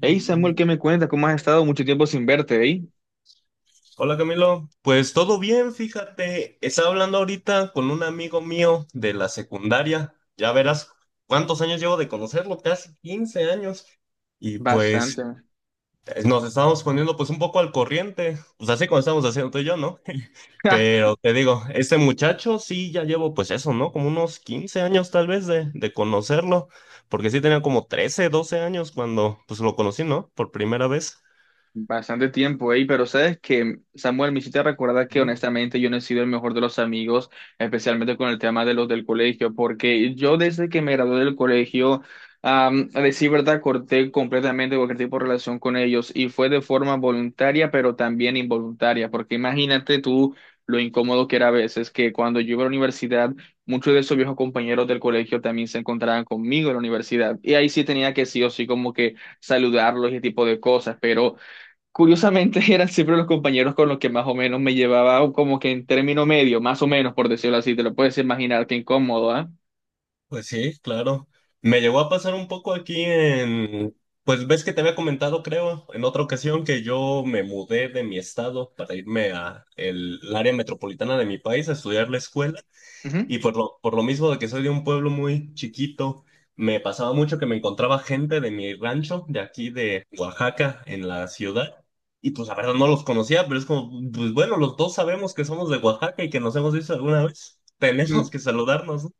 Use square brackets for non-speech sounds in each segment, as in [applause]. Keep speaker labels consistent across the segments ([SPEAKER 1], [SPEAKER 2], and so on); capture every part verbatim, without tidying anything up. [SPEAKER 1] Hey Samuel, ¿qué me cuentas? ¿Cómo has estado? Mucho tiempo sin verte, ¿eh?
[SPEAKER 2] Hola Camilo, pues todo bien, fíjate, estaba hablando ahorita con un amigo mío de la secundaria, ya verás cuántos años llevo de conocerlo, casi quince años, y pues
[SPEAKER 1] Bastante.
[SPEAKER 2] eh, nos estábamos poniendo pues un poco al corriente, pues así como estábamos haciendo tú y yo, ¿no? [laughs]
[SPEAKER 1] [laughs]
[SPEAKER 2] Pero te digo, este muchacho sí ya llevo pues eso, ¿no? Como unos quince años tal vez de, de conocerlo, porque sí tenía como trece, doce años cuando pues lo conocí, ¿no? Por primera vez.
[SPEAKER 1] Bastante tiempo, ey, pero sabes que, Samuel, me hiciste recordar que honestamente yo no he sido el mejor de los amigos, especialmente con el tema de los del colegio, porque yo desde que me gradué del colegio, am, a decir verdad, corté completamente cualquier tipo de relación con ellos y fue de forma voluntaria, pero también involuntaria, porque imagínate tú lo incómodo que era a veces que cuando yo iba a la universidad, muchos de esos viejos compañeros del colegio también se encontraban conmigo en la universidad y ahí sí tenía que sí o sí como que saludarlos y ese tipo de cosas, pero... curiosamente [laughs] eran siempre los compañeros con los que más o menos me llevaba o como que en término medio, más o menos por decirlo así, te lo puedes imaginar, qué incómodo, ¿ah?
[SPEAKER 2] Pues sí, claro. Me llegó a pasar un poco aquí en, pues ves que te había comentado, creo, en otra ocasión que yo me mudé de mi estado para irme a el, el área metropolitana de mi país a estudiar la escuela
[SPEAKER 1] Ujú.
[SPEAKER 2] y por lo, por lo mismo de que soy de un pueblo muy chiquito, me pasaba mucho que me encontraba gente de mi rancho de aquí de Oaxaca en la ciudad y pues la verdad no los conocía, pero es como, pues bueno, los dos sabemos que somos de Oaxaca y que nos hemos visto alguna vez. Tenemos que saludarnos, ¿no?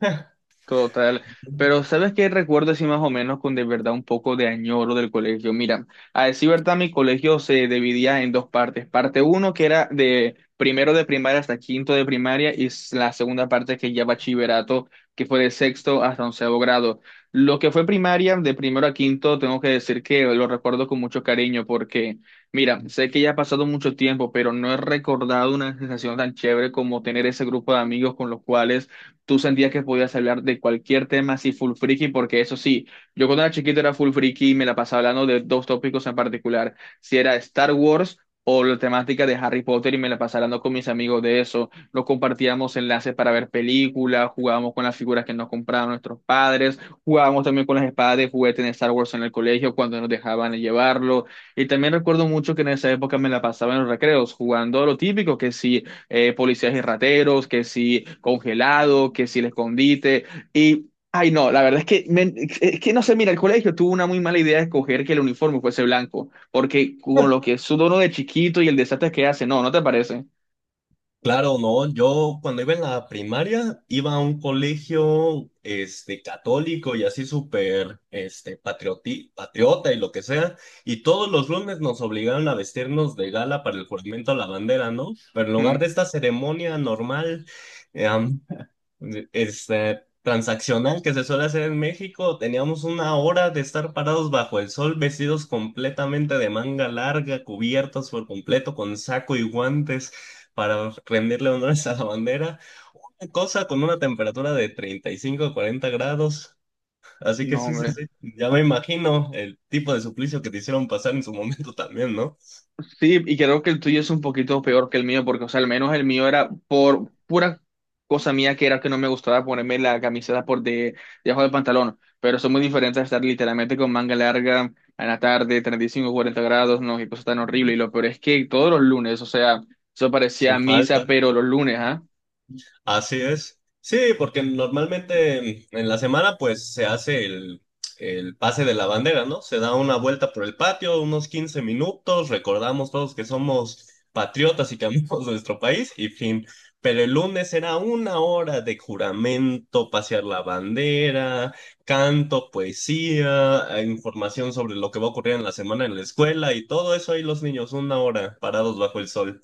[SPEAKER 2] [laughs]
[SPEAKER 1] Total. Pero ¿sabes qué recuerdo así más o menos con de verdad un poco de añoro del colegio? Mira, a decir verdad, mi colegio se dividía en dos partes. Parte uno que era de primero de primaria hasta quinto de primaria y s- la segunda parte que ya bachillerato, que fue de sexto hasta onceavo grado. Lo que fue primaria, de primero a quinto, tengo que decir que lo recuerdo con mucho cariño porque, mira, sé que ya ha pasado mucho tiempo, pero no he recordado una sensación tan chévere como tener ese grupo de amigos con los cuales tú sentías que podías hablar de cualquier tema así full friki, porque eso sí, yo cuando era chiquito era full friki y me la pasaba hablando de dos tópicos en particular, si era Star Wars o la temática de Harry Potter y me la pasaba hablando con mis amigos de eso, nos compartíamos enlaces para ver películas, jugábamos con las figuras que nos compraban nuestros padres, jugábamos también con las espadas de juguete en Star Wars en el colegio cuando nos dejaban llevarlo, y también recuerdo mucho que en esa época me la pasaba en los recreos jugando a lo típico, que sí eh, policías y rateros, que si congelado, que si el escondite. Y, ay, no, la verdad es que, me- es que no sé, mira, el colegio tuvo una muy mala idea de escoger que el uniforme fuese blanco, porque con lo que es su dono de chiquito y el desastre que hace, no, ¿no te parece?
[SPEAKER 2] Claro, no, yo cuando iba en la primaria iba a un colegio este católico y así súper este patrioti- patriota y lo que sea, y todos los lunes nos obligaron a vestirnos de gala para el juramento a la bandera, ¿no? Pero en lugar de
[SPEAKER 1] Mm,
[SPEAKER 2] esta ceremonia normal, este, transaccional que se suele hacer en México, teníamos una hora de estar parados bajo el sol, vestidos completamente de manga larga, cubiertos por completo con saco y guantes para rendirle honores a la bandera, cosa con una temperatura de treinta y cinco a cuarenta grados. Así que
[SPEAKER 1] no,
[SPEAKER 2] sí, sí,
[SPEAKER 1] hombre.
[SPEAKER 2] sí, ya me imagino el tipo de suplicio que te hicieron pasar en su momento también, ¿no?
[SPEAKER 1] Sí, y creo que el tuyo es un poquito peor que el mío, porque, o sea, al menos el mío era por pura cosa mía que era que no me gustaba ponerme la camiseta por de debajo del pantalón. Pero son muy diferentes a estar literalmente con manga larga en la tarde, treinta y cinco cuarenta grados, no, qué cosa tan horrible. Y lo peor es que todos los lunes, o sea, eso parecía
[SPEAKER 2] Sin
[SPEAKER 1] misa,
[SPEAKER 2] falta.
[SPEAKER 1] pero los lunes, ¿ah?
[SPEAKER 2] Así es. Sí, porque normalmente en la semana pues se hace el, el pase de la bandera, ¿no? Se da una vuelta por el patio, unos quince minutos, recordamos todos que somos patriotas y que amamos [laughs] nuestro país y fin. Pero el lunes era una hora de juramento, pasear la bandera, canto, poesía, eh, información sobre lo que va a ocurrir en la semana en la escuela y todo eso ahí los niños, una hora parados bajo el sol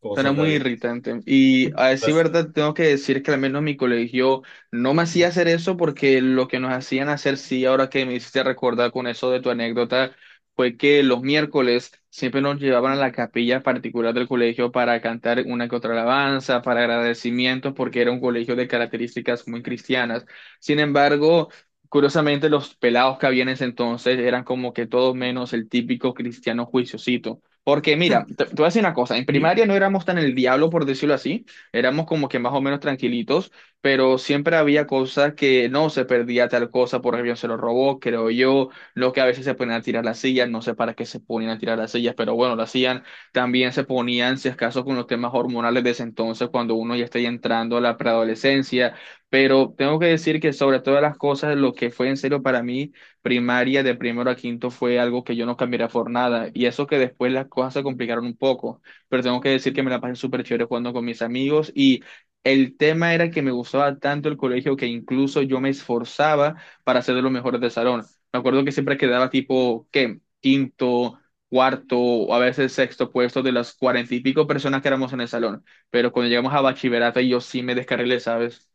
[SPEAKER 2] como
[SPEAKER 1] Suena muy
[SPEAKER 2] soldaditos.
[SPEAKER 1] irritante. Y a decir verdad, tengo que decir que al menos mi colegio no me hacía hacer eso porque lo que nos hacían hacer, sí, ahora que me hiciste recordar con eso de tu anécdota, fue que los miércoles siempre nos llevaban a la capilla particular del colegio para cantar una que otra alabanza, para agradecimientos, porque era un colegio de características muy cristianas. Sin embargo, curiosamente, los pelados que habían en ese entonces eran como que todos menos el típico cristiano juiciosito. Porque mira, te, te voy a decir una cosa, en primaria no éramos tan el diablo, por decirlo así, éramos como que más o menos tranquilitos, pero siempre había cosas que no se perdía tal cosa, por ejemplo, se lo robó, creo yo, lo que a veces se ponían a tirar las sillas, no sé para qué se ponían a tirar las sillas, pero bueno, lo hacían, también se ponían, si acaso, con los temas hormonales de ese entonces, cuando uno ya está ya entrando a la preadolescencia, pero tengo que decir que sobre todas las cosas, lo que fue en serio para mí primaria de primero a quinto fue algo que yo no cambiaría por nada. Y eso que después las cosas se complicaron un poco, pero tengo que decir que me la pasé súper chévere jugando con mis amigos y el tema era que me gustaba tanto el colegio que incluso yo me esforzaba para ser de los mejores del salón. Me acuerdo que siempre quedaba tipo, ¿qué? Quinto, cuarto o a veces sexto puesto de las cuarenta y pico personas que éramos en el salón. Pero cuando llegamos a bachillerato, yo sí me descarrilé, ¿sabes?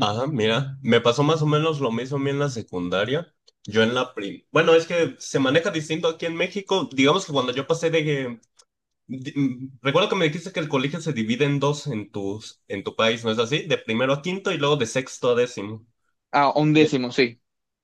[SPEAKER 2] Ah, mira, me pasó más o menos lo mismo a mí en la secundaria. Yo en la prim... Bueno, es que se maneja distinto aquí en México. Digamos que cuando yo pasé de... di- mm, Recuerdo que me dijiste que el colegio se divide en dos en tus, en tu país, ¿no es así? De primero a quinto y luego de sexto a décimo.
[SPEAKER 1] A un décimo, sí.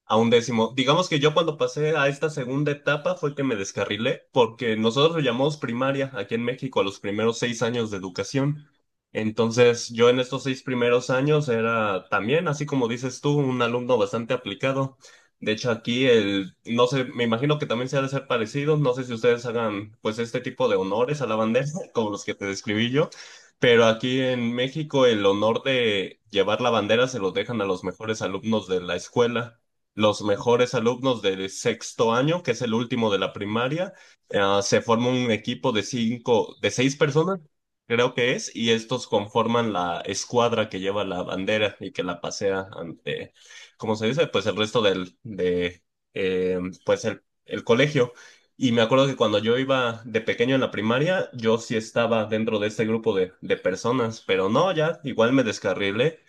[SPEAKER 2] A un décimo. Digamos que yo cuando pasé a esta segunda etapa fue que me descarrilé, porque nosotros lo llamamos primaria aquí en México a los primeros seis años de educación. Entonces, yo en estos seis primeros años era también, así como dices tú, un alumno bastante aplicado. De hecho, aquí el, no sé, me imagino que también se ha de ser parecido. No sé si ustedes hagan, pues, este tipo de honores a la bandera, [laughs] como los que te describí yo. Pero aquí en México el honor de llevar la bandera se lo dejan a los mejores alumnos de la escuela los mejores alumnos del sexto año, que es el último de la primaria. Ah, se forma un equipo de cinco, de seis personas, creo que es, y estos conforman la escuadra que lleva la bandera y que la pasea ante, ¿cómo se dice? Pues el resto del, de, eh, pues el, el colegio. Y me acuerdo que cuando yo iba de pequeño en la primaria, yo sí estaba dentro de este grupo de, de personas, pero no, ya igual me descarrilé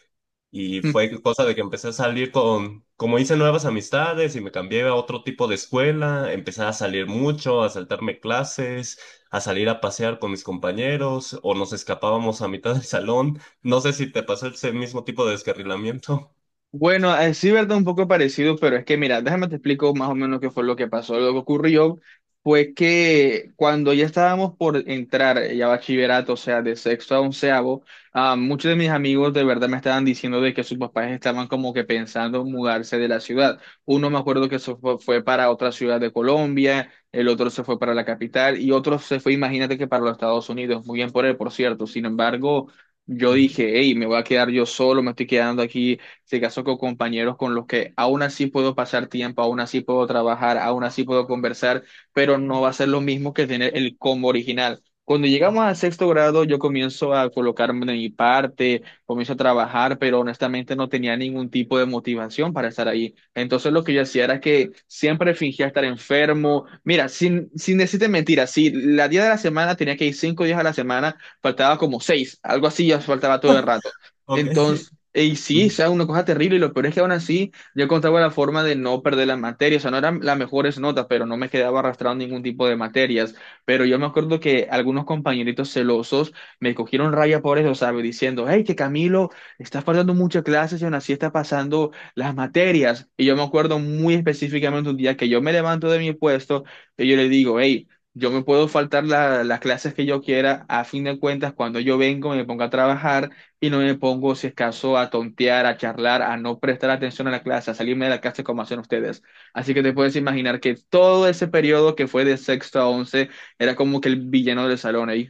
[SPEAKER 2] y fue cosa de que empecé a salir con, como hice nuevas amistades y me cambié a otro tipo de escuela, empecé a salir mucho, a saltarme clases, a salir a pasear con mis compañeros o nos escapábamos a mitad del salón. No sé si te pasó ese mismo tipo de descarrilamiento.
[SPEAKER 1] Bueno, eh, sí, verdad, un poco parecido, pero es que mira, déjame te explico más o menos qué fue lo que pasó. Lo que ocurrió fue que cuando ya estábamos por entrar eh, ya a bachillerato, o sea, de sexto a onceavo, ah, muchos de mis amigos de verdad me estaban diciendo de que sus papás estaban como que pensando mudarse de la ciudad. Uno me acuerdo que se fue, fue para otra ciudad de Colombia, el otro se fue para la capital y otro se fue, imagínate que para los Estados Unidos. Muy bien por él, por cierto. Sin embargo,
[SPEAKER 2] [laughs]
[SPEAKER 1] yo
[SPEAKER 2] Ujú.
[SPEAKER 1] dije, hey, me voy a quedar yo solo, me estoy quedando aquí, se casó con compañeros con los que aún así puedo pasar tiempo, aún así puedo trabajar, aún así puedo conversar, pero no va a ser lo mismo que tener el combo original. Cuando llegamos al sexto grado, yo comienzo a colocarme de mi parte, comienzo a trabajar, pero honestamente no tenía ningún tipo de motivación para estar ahí. Entonces lo que yo hacía era que siempre fingía estar enfermo. Mira, sin, sin decirte mentiras, si la día de la semana tenía que ir cinco días a la semana, faltaba como seis, algo así, ya faltaba todo el rato.
[SPEAKER 2] Ok.
[SPEAKER 1] Entonces, y sí, o
[SPEAKER 2] Ujú.
[SPEAKER 1] sea, una cosa terrible, y lo peor es que aún así yo encontraba la forma de no perder las materias, o sea, no eran las mejores notas, pero no me quedaba arrastrado en ningún tipo de materias. Pero yo me acuerdo que algunos compañeritos celosos me cogieron raya por eso, ¿sabes? Diciendo, hey, que Camilo, estás faltando muchas clases y aún así está pasando las materias. Y yo me acuerdo muy específicamente un día que yo me levanto de mi puesto y yo le digo, hey, yo me puedo faltar la- las clases que yo quiera, a fin de cuentas, cuando yo vengo, me pongo a trabajar y no me pongo, si es caso, a tontear, a charlar, a no prestar atención a la clase, a salirme de la clase como hacen ustedes. Así que te puedes imaginar que todo ese periodo que fue de sexto a once era como que el villano del salón ahí.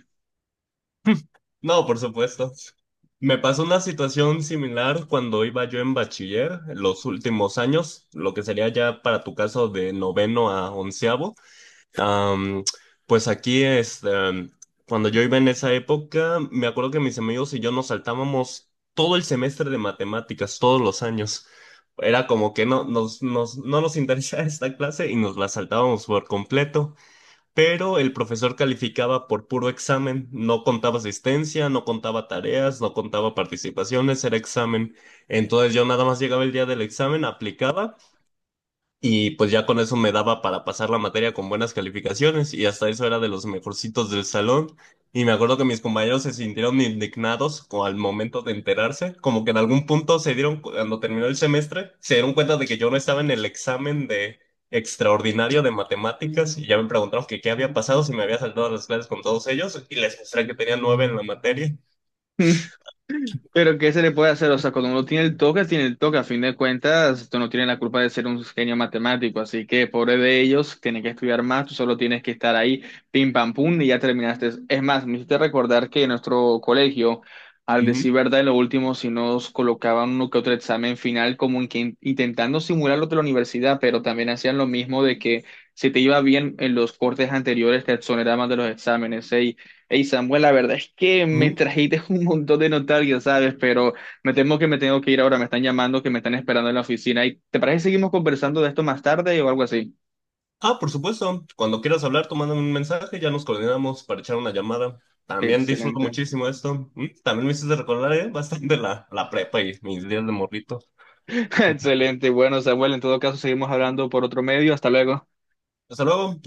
[SPEAKER 2] No, por supuesto. Me pasó una situación similar cuando iba yo en bachiller, en los últimos años, lo que sería ya para tu caso de noveno a onceavo. Am, pues aquí es, em, cuando yo iba en esa época, me acuerdo que mis amigos y yo nos saltábamos todo el semestre de matemáticas, todos los años. Era como que no nos, nos- no nos interesaba [laughs] esta clase y nos la saltábamos por completo, pero el profesor calificaba por puro examen, no contaba asistencia, no contaba tareas, no contaba participaciones, era examen. Entonces yo nada más llegaba el día del examen, aplicaba. Y pues ya con eso me daba para pasar la materia con buenas calificaciones y hasta eso era de los mejorcitos del salón. Y me acuerdo que mis compañeros se sintieron indignados co- al momento de enterarse, como que en algún punto se dieron, cu- cuando terminó el semestre, se dieron cuenta de que yo no estaba en el examen de extraordinario de matemáticas y ya me preguntaron que qué había pasado si me había saltado las clases con todos ellos y les mostré que tenía nueve en la materia.
[SPEAKER 1] [laughs] Pero ¿qué se le puede hacer? O sea, cuando uno tiene el toque, tiene el toque. A fin de cuentas, tú no tienes la culpa de ser un genio matemático. Así que, pobre de ellos, tienen que estudiar más. Tú solo tienes que estar ahí, pim, pam, pum, y ya terminaste. Es más, me hiciste recordar que en nuestro colegio, al
[SPEAKER 2] Ujú,
[SPEAKER 1] decir verdad, en lo último, si nos colocaban uno que otro examen final, como en que in- intentando simular lo de la universidad, pero también hacían lo mismo de que si te iba bien en los cortes anteriores, te exoneraban de los exámenes. ¿Eh? Hey Samuel, la verdad es que me
[SPEAKER 2] ujú.
[SPEAKER 1] trajiste [laughs] un montón de notarios, ¿sabes? Pero me temo que me tengo que ir ahora, me están llamando, que me están esperando en la oficina. ¿Y te parece que seguimos conversando de esto más tarde o algo así?
[SPEAKER 2] Ah, por supuesto. Cuando quieras hablar, tú mándame un mensaje, ya nos coordinamos para echar una llamada. También disfruto
[SPEAKER 1] Excelente.
[SPEAKER 2] muchísimo esto. Mm, También me hiciste recordar, eh, [laughs] bastante la, la prepa y mis días de morrito.
[SPEAKER 1] [laughs]
[SPEAKER 2] Sí, claro.
[SPEAKER 1] Excelente. Bueno, Samuel, en todo caso, seguimos hablando por otro medio. Hasta luego.
[SPEAKER 2] Hasta luego. Nos